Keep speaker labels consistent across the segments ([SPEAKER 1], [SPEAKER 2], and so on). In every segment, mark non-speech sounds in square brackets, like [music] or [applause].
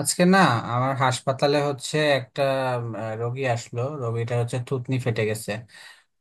[SPEAKER 1] আজকে না আমার হাসপাতালে হচ্ছে একটা রোগী আসলো। রোগীটা হচ্ছে থুতনি ফেটে গেছে।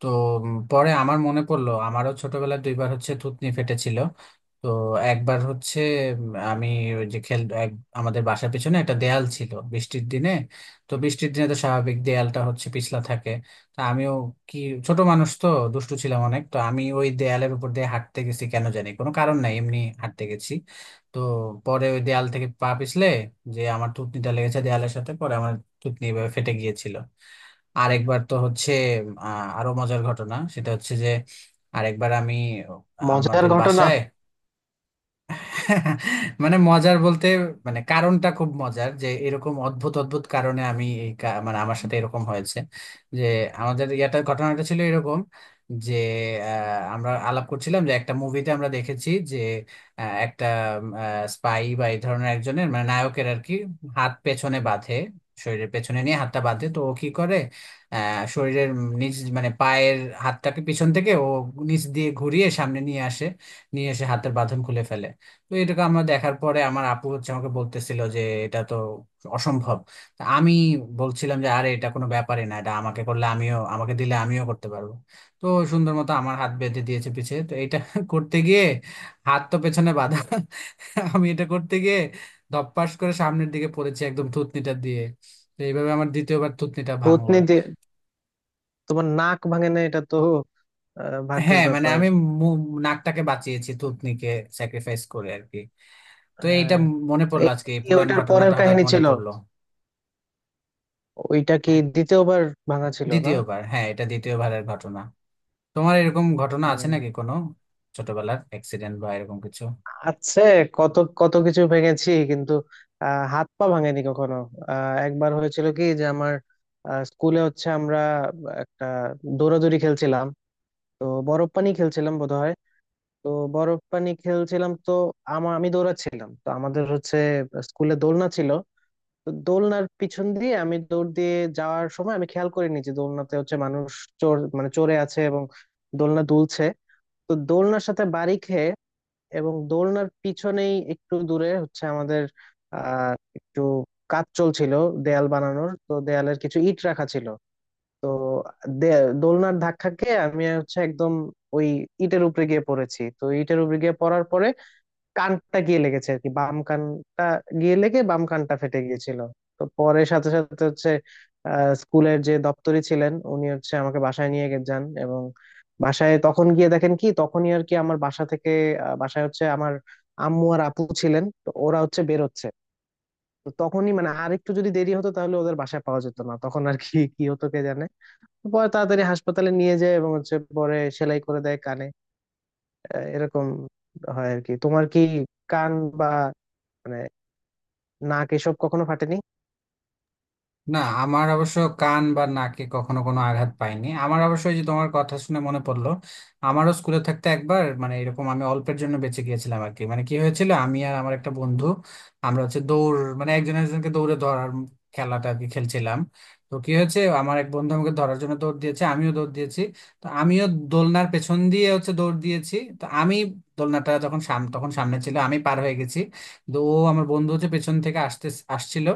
[SPEAKER 1] তো পরে আমার মনে পড়লো আমারও ছোটবেলায় দুইবার হচ্ছে থুতনি ফেটেছিল। তো একবার হচ্ছে আমি ওই যে আমাদের বাসার পিছনে একটা দেয়াল ছিল বৃষ্টির দিনে। তো বৃষ্টির দিনে তো স্বাভাবিক দেয়ালটা হচ্ছে পিছলা থাকে। তা আমিও কি ছোট মানুষ তো দুষ্টু ছিলাম অনেক তো আমি ওই দেয়ালের উপর দিয়ে হাঁটতে গেছি কেন জানি কোনো কারণ নাই এমনি হাঁটতে গেছি। তো পরে ওই দেয়াল থেকে পা পিছলে যে আমার থুতনিটা লেগেছে দেয়ালের সাথে পরে আমার থুতনি এভাবে ফেটে গিয়েছিল। আরেকবার তো হচ্ছে আরো মজার ঘটনা সেটা হচ্ছে যে আরেকবার আমি
[SPEAKER 2] মজার
[SPEAKER 1] আমাদের
[SPEAKER 2] ঘটনা।
[SPEAKER 1] বাসায় মানে মজার বলতে মানে কারণটা খুব মজার যে এরকম অদ্ভুত অদ্ভুত কারণে আমি মানে আমার সাথে এরকম হয়েছে যে আমাদের ইয়াটা ঘটনাটা ছিল এরকম যে আমরা আলাপ করছিলাম যে একটা মুভিতে আমরা দেখেছি যে একটা স্পাই বা এই ধরনের একজনের মানে নায়কের আর কি হাত পেছনে বাঁধে শরীরের পেছনে নিয়ে হাতটা বাঁধে তো ও কি করে শরীরের নিচ মানে পায়ের হাতটাকে পিছন থেকে ও নিচ দিয়ে ঘুরিয়ে সামনে নিয়ে আসে নিয়ে এসে হাতের বাঁধন খুলে ফেলে। তো এটাকে আমরা দেখার পরে আমার আপু হচ্ছে আমাকে বলতেছিল যে এটা তো অসম্ভব। তা আমি বলছিলাম যে আরে এটা কোনো ব্যাপারই না এটা আমাকে করলে আমিও আমাকে দিলে আমিও করতে পারবো। তো সুন্দর মতো আমার হাত বেঁধে দিয়েছে পিছে তো এটা [laughs] করতে গিয়ে হাত তো পেছনে বাঁধা আমি এটা করতে গিয়ে ধপাস করে সামনের দিকে পড়েছি একদম থুতনিটা দিয়ে। তো এইভাবে আমার দ্বিতীয়বার থুতনিটা ভাঙলো।
[SPEAKER 2] ভূতনি দিয়ে তোমার নাক ভাঙে না এটা তো? ভাগ্যের
[SPEAKER 1] হ্যাঁ মানে
[SPEAKER 2] ব্যাপার।
[SPEAKER 1] আমি নাকটাকে বাঁচিয়েছি থুতনিকে স্যাক্রিফাইস করে আর কি। তো এইটা
[SPEAKER 2] হ্যাঁ।
[SPEAKER 1] মনে পড়লো
[SPEAKER 2] এই
[SPEAKER 1] আজকে এই
[SPEAKER 2] কি
[SPEAKER 1] পুরান
[SPEAKER 2] ওইটার পরের
[SPEAKER 1] ঘটনাটা হঠাৎ
[SPEAKER 2] কাহিনী
[SPEAKER 1] মনে
[SPEAKER 2] ছিল?
[SPEAKER 1] পড়লো।
[SPEAKER 2] ওইটা কি দ্বিতীয়বার ভাঙা ছিল না?
[SPEAKER 1] দ্বিতীয়বার হ্যাঁ এটা দ্বিতীয়বারের ঘটনা। তোমার এরকম ঘটনা আছে
[SPEAKER 2] উম,
[SPEAKER 1] নাকি কোনো ছোটবেলার অ্যাক্সিডেন্ট বা এরকম কিছু?
[SPEAKER 2] আছে। কত কত কিছু ভেঙেছি কিন্তু হাত পা ভাঙেনি কখনো। একবার হয়েছিল কি যে আমার স্কুলে হচ্ছে আমরা একটা দৌড়াদৌড়ি খেলছিলাম। তো বরফ পানি খেলছিলাম বোধহয়। তো বরফ পানি খেলছিলাম তো আমি দৌড়াচ্ছিলাম তো আমাদের হচ্ছে স্কুলে দোলনা ছিল। তো দোলনার পিছন দিয়ে আমি দৌড় দিয়ে যাওয়ার সময় আমি খেয়াল করিনি যে দোলনাতে হচ্ছে মানুষ চোর মানে চড়ে আছে এবং দোলনা দুলছে। তো দোলনার সাথে বাড়ি খেয়ে এবং দোলনার পিছনেই একটু দূরে হচ্ছে আমাদের আহ একটু কাজ চলছিল দেয়াল বানানোর। তো দেয়ালের কিছু ইট রাখা ছিল। তো দোলনার ধাক্কা খেয়ে আমি হচ্ছে একদম ওই ইটের উপরে গিয়ে পড়েছি। তো ইটের উপরে গিয়ে পড়ার পরে কানটা গিয়ে লেগেছে আর কি, বাম কানটা গিয়ে লেগে বাম কানটা ফেটে গিয়েছিল। তো পরে সাথে সাথে হচ্ছে স্কুলের যে দপ্তরি ছিলেন উনি হচ্ছে আমাকে বাসায় নিয়ে যান এবং বাসায় তখন গিয়ে দেখেন কি তখনই আর কি আমার বাসা থেকে বাসায় হচ্ছে আমার আম্মু আর আপু ছিলেন তো ওরা হচ্ছে বেরোচ্ছে। তো তখনই মানে আর একটু যদি দেরি হতো তাহলে ওদের বাসায় পাওয়া যেত না, তখন আর কি কি হতো কে জানে। পরে তাড়াতাড়ি হাসপাতালে নিয়ে যায় এবং হচ্ছে পরে সেলাই করে দেয় কানে। এরকম হয় আর কি। তোমার কি কান বা মানে নাক এসব কখনো ফাটেনি?
[SPEAKER 1] না আমার অবশ্য কান বা নাকে কখনো কোনো আঘাত পাইনি আমার অবশ্য ওই যে তোমার কথা শুনে মনে পড়লো। আমারও স্কুলে থাকতে একবার মানে এরকম আমি অল্পের জন্য বেঁচে গিয়েছিলাম আর কি মানে কি হয়েছিল আমি আর আমার একটা বন্ধু আমরা হচ্ছে দৌড় মানে একজন একজনকে দৌড়ে ধরার খেলাটা আর কি খেলছিলাম। তো কি হয়েছে আমার এক বন্ধু আমাকে ধরার জন্য দৌড় দিয়েছে আমিও দৌড় দিয়েছি। তো আমিও দোলনার পেছন দিয়ে হচ্ছে দৌড় দিয়েছি তো আমি দোলনাটা যখন তখন সামনে ছিল আমি পার হয়ে গেছি। তো ও আমার বন্ধু হচ্ছে পেছন থেকে আসতে আসছিল।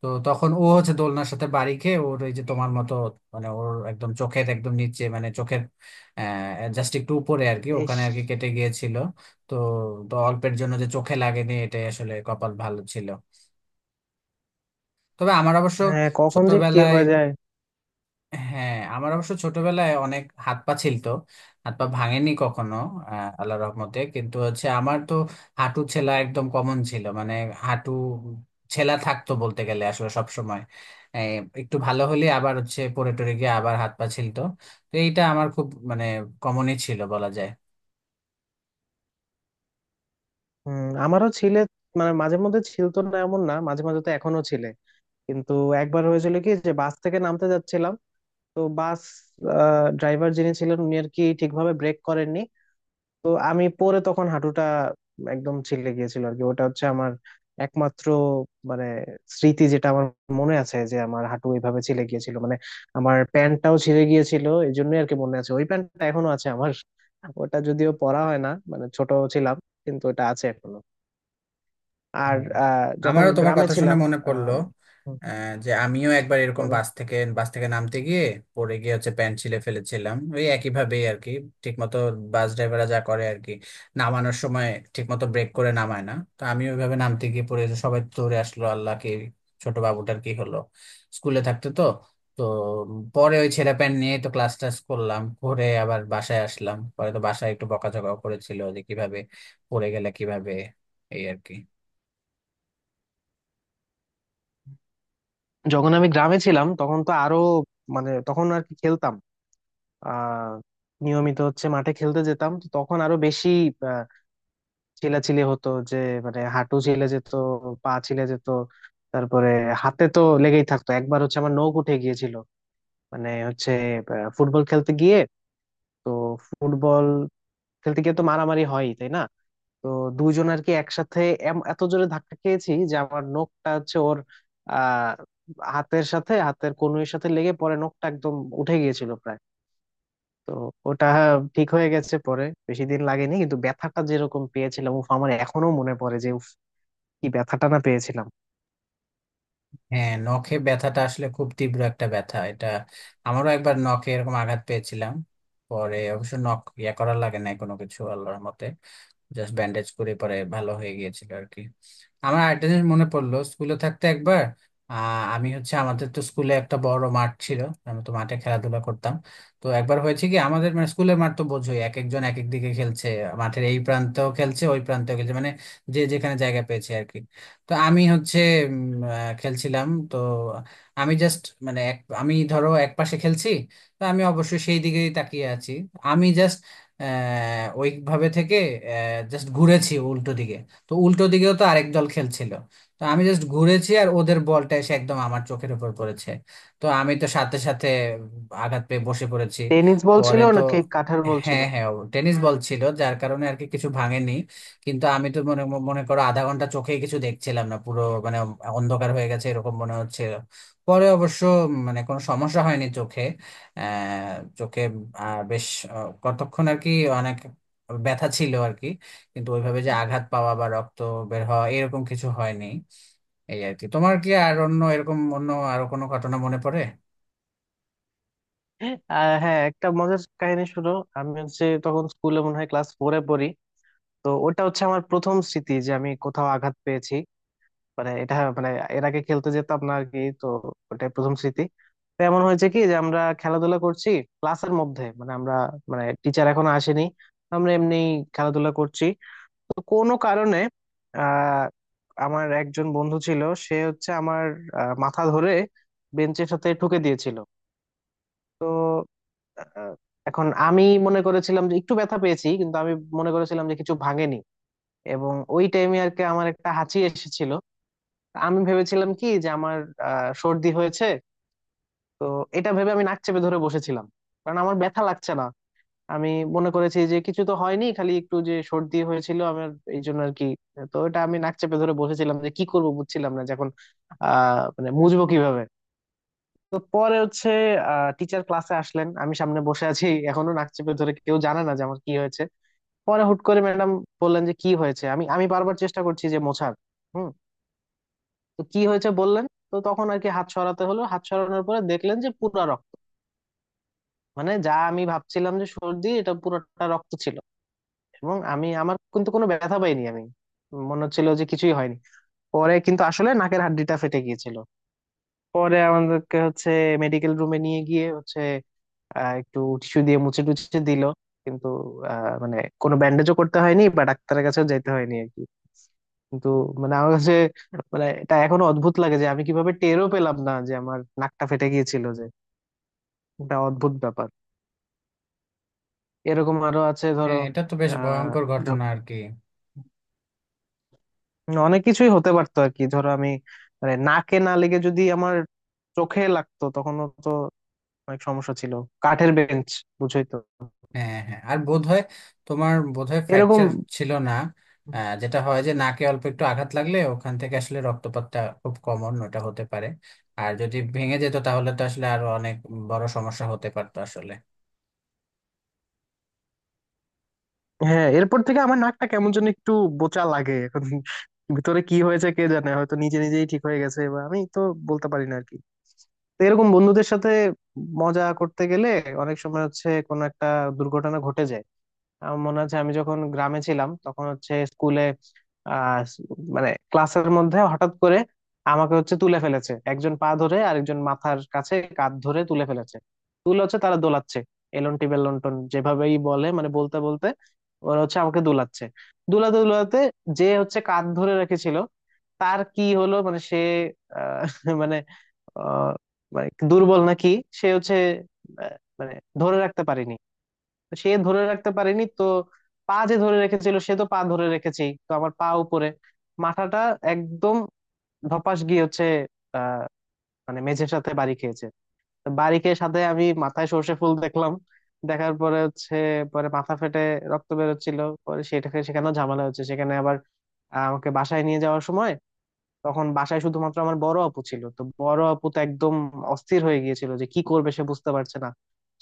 [SPEAKER 1] তো তখন ও হচ্ছে দোলনার সাথে বাড়ি খেয়ে ওর এই যে তোমার মতো মানে ওর একদম চোখের একদম নিচে মানে চোখের জাস্ট একটু উপরে আর কি
[SPEAKER 2] ইস।
[SPEAKER 1] ওখানে আর কি কেটে গিয়েছিল। তো তো অল্পের জন্য যে চোখে লাগেনি এটাই আসলে কপাল ভালো ছিল। তবে আমার অবশ্য
[SPEAKER 2] হ্যাঁ কখন যে কি
[SPEAKER 1] ছোটবেলায়
[SPEAKER 2] হয়ে যায়।
[SPEAKER 1] হ্যাঁ আমার অবশ্য ছোটবেলায় অনেক হাত পা ছিলতো। হাত পা ভাঙেনি কখনো। আল্লাহর রহমতে কিন্তু হচ্ছে আমার তো হাঁটু ছেলা একদম কমন ছিল মানে হাঁটু ছেলা থাকতো বলতে গেলে আসলে সব সময়। একটু ভালো হলে আবার হচ্ছে পড়ে টরে গিয়ে আবার হাত পা ছিলতো। তো এইটা আমার খুব মানে কমনই ছিল বলা যায়।
[SPEAKER 2] হুম আমারও ছিলে, মানে মাঝে মধ্যে ছিলতো না এমন না, মাঝে মাঝে তো এখনো ছিলে। কিন্তু একবার হয়েছিল কি যে বাস থেকে নামতে যাচ্ছিলাম। তো বাস ড্রাইভার যিনি ছিলেন উনি আর কি ঠিকভাবে ব্রেক করেননি। তো আমি পরে তখন হাঁটুটা একদম ছিলে গিয়েছিল আর কি। ওটা হচ্ছে আমার একমাত্র মানে স্মৃতি যেটা আমার মনে আছে যে আমার হাঁটু এইভাবে ছিলে গিয়েছিল মানে আমার প্যান্টটাও ছিঁড়ে গিয়েছিল। এই জন্যই আর কি মনে আছে, ওই প্যান্টটা এখনো আছে আমার। ওটা যদিও পরা হয় না মানে ছোট ছিলাম, কিন্তু ওটা আছে এখনো। আর
[SPEAKER 1] হুম।
[SPEAKER 2] যখন
[SPEAKER 1] আমারও তোমার
[SPEAKER 2] গ্রামে
[SPEAKER 1] কথা শুনে
[SPEAKER 2] ছিলাম
[SPEAKER 1] মনে পড়লো
[SPEAKER 2] আহ হুম,
[SPEAKER 1] যে আমিও একবার এরকম
[SPEAKER 2] বলো।
[SPEAKER 1] বাস থেকে নামতে গিয়ে পড়ে গিয়ে হচ্ছে প্যান্ট ছিলে ফেলেছিলাম ওই একই ভাবেই আর কি। ঠিক মতো বাস ড্রাইভাররা যা করে আর কি নামানোর সময় ঠিক মতো ব্রেক করে নামায় না তো আমি ওইভাবে নামতে গিয়ে পড়ে গেছি, সবাই দৌড়ে আসলো আল্লাহ কি ছোট বাবুটার কি হলো স্কুলে থাকতে তো। তো পরে ওই ছেঁড়া প্যান্ট নিয়ে তো ক্লাস টাস করলাম করে আবার বাসায় আসলাম পরে তো বাসায় একটু বকাঝকাও করেছিল যে কিভাবে পড়ে গেলে কিভাবে এই আর কি।
[SPEAKER 2] যখন আমি গ্রামে ছিলাম তখন তো আরো মানে তখন আর কি খেলতাম। আহ নিয়মিত হচ্ছে মাঠে খেলতে যেতাম। তো তখন আরো বেশি ছিলাছিলি হতো যে মানে হাঁটু ছিলে যেত, পা ছিলে যেত। তারপরে হাতে তো লেগেই থাকতো। একবার হচ্ছে আমার নখ উঠে গিয়েছিল মানে হচ্ছে ফুটবল খেলতে গিয়ে। তো ফুটবল খেলতে গিয়ে তো মারামারি হয় তাই না? তো দুজন আর কি একসাথে এত জোরে ধাক্কা খেয়েছি যে আমার নখটা হচ্ছে ওর আহ হাতের সাথে হাতের কনুইয়ের সাথে লেগে পরে নখটা একদম উঠে গিয়েছিল প্রায়। তো ওটা ঠিক হয়ে গেছে পরে, বেশি দিন লাগেনি কিন্তু ব্যথাটা যেরকম পেয়েছিলাম উফ আমার এখনো মনে পড়ে যে কি ব্যথাটা না পেয়েছিলাম।
[SPEAKER 1] হ্যাঁ নখে ব্যথাটা আসলে খুব তীব্র একটা ব্যথা এটা। আমারও একবার নখে এরকম আঘাত পেয়েছিলাম। পরে অবশ্য নখ ইয়া করা লাগে নাই কোনো কিছু আল্লাহর মতে জাস্ট ব্যান্ডেজ করে পরে ভালো হয়ে গিয়েছিল আর কি। আমার আরেকটা জিনিস মনে পড়লো স্কুলে থাকতে একবার আমি হচ্ছে আমাদের তো স্কুলে একটা বড় মাঠ ছিল। আমি তো মাঠে খেলাধুলা করতাম। তো একবার হয়েছে কি আমাদের মানে স্কুলের মাঠ তো বোঝোই এক একজন এক এক দিকে খেলছে মাঠের এই প্রান্তেও খেলছে ওই প্রান্তেও খেলছে মানে যে যেখানে জায়গা পেয়েছে আর কি। তো আমি হচ্ছে উম, খেলছিলাম তো আমি জাস্ট মানে এক আমি ধরো এক পাশে খেলছি তো আমি অবশ্যই সেই দিকেই তাকিয়ে আছি আমি জাস্ট ওইভাবে থেকে জাস্ট ঘুরেছি উল্টো দিকে। তো উল্টো দিকেও তো আরেক দল খেলছিল। তো আমি জাস্ট ঘুরেছি আর ওদের বলটা এসে একদম আমার চোখের উপর পড়েছে। তো আমি তো সাথে সাথে আঘাত পেয়ে বসে পড়েছি
[SPEAKER 2] টেনিস বল
[SPEAKER 1] পরে
[SPEAKER 2] ছিল
[SPEAKER 1] তো
[SPEAKER 2] নাকি কাঠের বল ছিল?
[SPEAKER 1] হ্যাঁ হ্যাঁ টেনিস বল ছিল যার কারণে আর কি কিছু ভাঙেনি। কিন্তু আমি তো মনে মনে করো আধা ঘন্টা চোখেই কিছু দেখছিলাম না পুরো মানে অন্ধকার হয়ে গেছে এরকম মনে হচ্ছিল। পরে অবশ্য মানে কোনো সমস্যা হয়নি চোখে আহ, চোখে বেশ কতক্ষণ আর কি অনেক ব্যথা ছিল আর কি কিন্তু ওইভাবে যে আঘাত পাওয়া বা রক্ত বের হওয়া এরকম কিছু হয়নি এই আর কি। তোমার কি আর অন্য এরকম অন্য আরো কোনো ঘটনা মনে পড়ে?
[SPEAKER 2] হ্যাঁ একটা মজার কাহিনী শুনো। আমি হচ্ছে তখন স্কুলে মনে হয় ক্লাস ফোরে পড়ি। তো ওটা হচ্ছে আমার প্রথম স্মৃতি যে আমি কোথাও আঘাত পেয়েছি, মানে এটা মানে এর আগে খেলতে যেতাম না আর কি তো ওটাই প্রথম স্মৃতি। তো এমন হয়েছে কি যে আমরা খেলাধুলা করছি ক্লাসের মধ্যে মানে আমরা মানে টিচার এখনো আসেনি, আমরা এমনি খেলাধুলা করছি। তো কোনো কারণে আহ আমার একজন বন্ধু ছিল সে হচ্ছে আমার মাথা ধরে বেঞ্চের সাথে ঠুকে দিয়েছিল। তো আহ, এখন আমি মনে করেছিলাম যে একটু ব্যথা পেয়েছি কিন্তু আমি মনে করেছিলাম যে কিছু ভাঙেনি। এবং ওই টাইমে আর কি আমার একটা হাঁচি এসেছিল। আমি ভেবেছিলাম কি যে আমার সর্দি হয়েছে। তো এটা ভেবে আমি নাক চেপে ধরে বসেছিলাম কারণ আমার ব্যথা লাগছে না। আমি মনে করেছি যে কিছু তো হয়নি, খালি একটু যে সর্দি হয়েছিল আমার এই জন্য আর কি। তো এটা আমি নাক চেপে ধরে বসেছিলাম যে কি করব বুঝছিলাম না যে এখন মানে মুছবো কিভাবে। তো পরে হচ্ছে টিচার ক্লাসে আসলেন আমি সামনে বসে আছি এখনো নাক চেপে ধরে, কেউ জানে না যে আমার কি হয়েছে। পরে হুট করে ম্যাডাম বললেন যে কি হয়েছে, আমি আমি বারবার চেষ্টা করছি যে মোছার। হুম। তো কি হয়েছে বললেন। তো তখন আর কি হাত সরাতে হলো, হাত সরানোর পরে দেখলেন যে পুরা রক্ত মানে যা আমি ভাবছিলাম যে সর্দি এটা পুরোটা রক্ত ছিল। এবং আমি আমার কিন্তু কোনো ব্যথা পাইনি আমি মনে হচ্ছিল যে কিছুই হয়নি। পরে কিন্তু আসলে নাকের হাড্ডিটা ফেটে গিয়েছিল। পরে আমাদেরকে হচ্ছে মেডিকেল রুমে নিয়ে গিয়ে হচ্ছে একটু টিস্যু দিয়ে মুছে টুছে দিল। কিন্তু মানে কোনো ব্যান্ডেজও করতে হয়নি বা ডাক্তারের কাছেও যেতে হয়নি আর কি। কিন্তু মানে আমার কাছে মানে এটা এখনো অদ্ভুত লাগে যে আমি কিভাবে টেরও পেলাম না যে আমার নাকটা ফেটে গিয়েছিল যে এটা অদ্ভুত ব্যাপার। এরকম আরো আছে ধরো।
[SPEAKER 1] হ্যাঁ এটা তো বেশ
[SPEAKER 2] আহ
[SPEAKER 1] ভয়ঙ্কর ঘটনা আর কি।
[SPEAKER 2] অনেক কিছুই হতে পারতো আর কি, ধরো আমি মানে নাকে না লেগে যদি আমার চোখে লাগতো তখনও তো অনেক সমস্যা ছিল। কাঠের বেঞ্চ বুঝই তো।
[SPEAKER 1] হ্যাঁ হ্যাঁ আর বোধহয় তোমার বোধহয়
[SPEAKER 2] এরকম।
[SPEAKER 1] ফ্র্যাকচার ছিল না? যেটা হয় যে নাকে অল্প একটু আঘাত লাগলে ওখান থেকে আসলে রক্তপাতটা খুব কমন ওটা হতে পারে। আর যদি ভেঙে যেত তাহলে তো আসলে আরো অনেক বড় সমস্যা হতে পারতো আসলে।
[SPEAKER 2] হ্যাঁ এরপর থেকে আমার নাকটা কেমন যেন একটু বোচা লাগে এখন। ভিতরে কি হয়েছে কে জানে, হয়তো নিজে নিজেই ঠিক হয়ে গেছে বা আমি তো বলতে পারি না আর কি। তো এরকম বন্ধুদের সাথে মজা করতে গেলে অনেক সময় হচ্ছে কোনো একটা দুর্ঘটনা ঘটে যায়। আমার মনে আছে আমি যখন গ্রামে ছিলাম তখন হচ্ছে স্কুলে আহ মানে ক্লাসের মধ্যে হঠাৎ করে আমাকে হচ্ছে তুলে ফেলেছে, একজন পা ধরে আরেকজন মাথার কাছে কাঁধ ধরে তুলে ফেলেছে। তুলে হচ্ছে তারা দোলাচ্ছে এলন্টি বেলন্টন যেভাবেই বলে মানে বলতে বলতে ওরা হচ্ছে আমাকে দোলাচ্ছে। দোলাতে দোলাতে যে হচ্ছে কাঁধ ধরে রেখেছিল তার কি হলো, মানে সে আহ, [laughs] মানে আহ, মানে দুর্বল নাকি সে হচ্ছে আহ, মানে ধরে রাখতে পারিনি। সে ধরে রাখতে পারেনি তো, পা যে ধরে রেখেছিল সে তো পা ধরে রেখেছেই তো আমার পা উপরে মাথাটা একদম ধপাস গিয়ে হচ্ছে আহ মানে মেঝের সাথে বাড়ি খেয়েছে। তো বাড়ি খেয়ে সাথে আমি মাথায় সর্ষে ফুল দেখলাম। দেখার পরে হচ্ছে পরে মাথা ফেটে রক্ত বেরোচ্ছিল। পরে সেটাকে সেখানেও ঝামেলা হচ্ছে সেখানে আবার আমাকে বাসায় নিয়ে যাওয়ার সময় তখন বাসায় শুধুমাত্র আমার বড় আপু ছিল, তো বড় আপু তো একদম অস্থির হয়ে গিয়েছিল যে কি করবে সে বুঝতে পারছে না।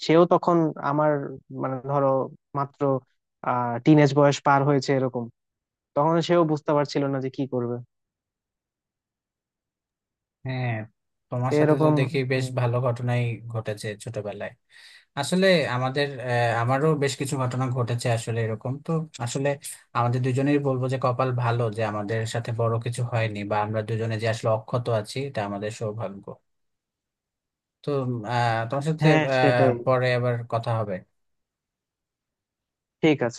[SPEAKER 2] সেও তখন আমার মানে ধরো মাত্র টিনেজ বয়স পার হয়েছে এরকম, তখন সেও বুঝতে পারছিল না যে কি করবে।
[SPEAKER 1] হ্যাঁ
[SPEAKER 2] তো
[SPEAKER 1] তোমার সাথে তো
[SPEAKER 2] এরকম।
[SPEAKER 1] দেখি বেশ
[SPEAKER 2] হুম,
[SPEAKER 1] ভালো ঘটনাই ঘটেছে ছোটবেলায় আসলে আমাদের আমারও বেশ কিছু ঘটনা ঘটেছে আসলে এরকম তো আসলে আমাদের দুজনেই বলবো যে কপাল ভালো যে আমাদের সাথে বড় কিছু হয়নি বা আমরা দুজনে যে আসলে অক্ষত আছি এটা আমাদের সৌভাগ্য। তো তোমার সাথে
[SPEAKER 2] হ্যাঁ সেটাই।
[SPEAKER 1] পরে আবার কথা হবে।
[SPEAKER 2] ঠিক আছে।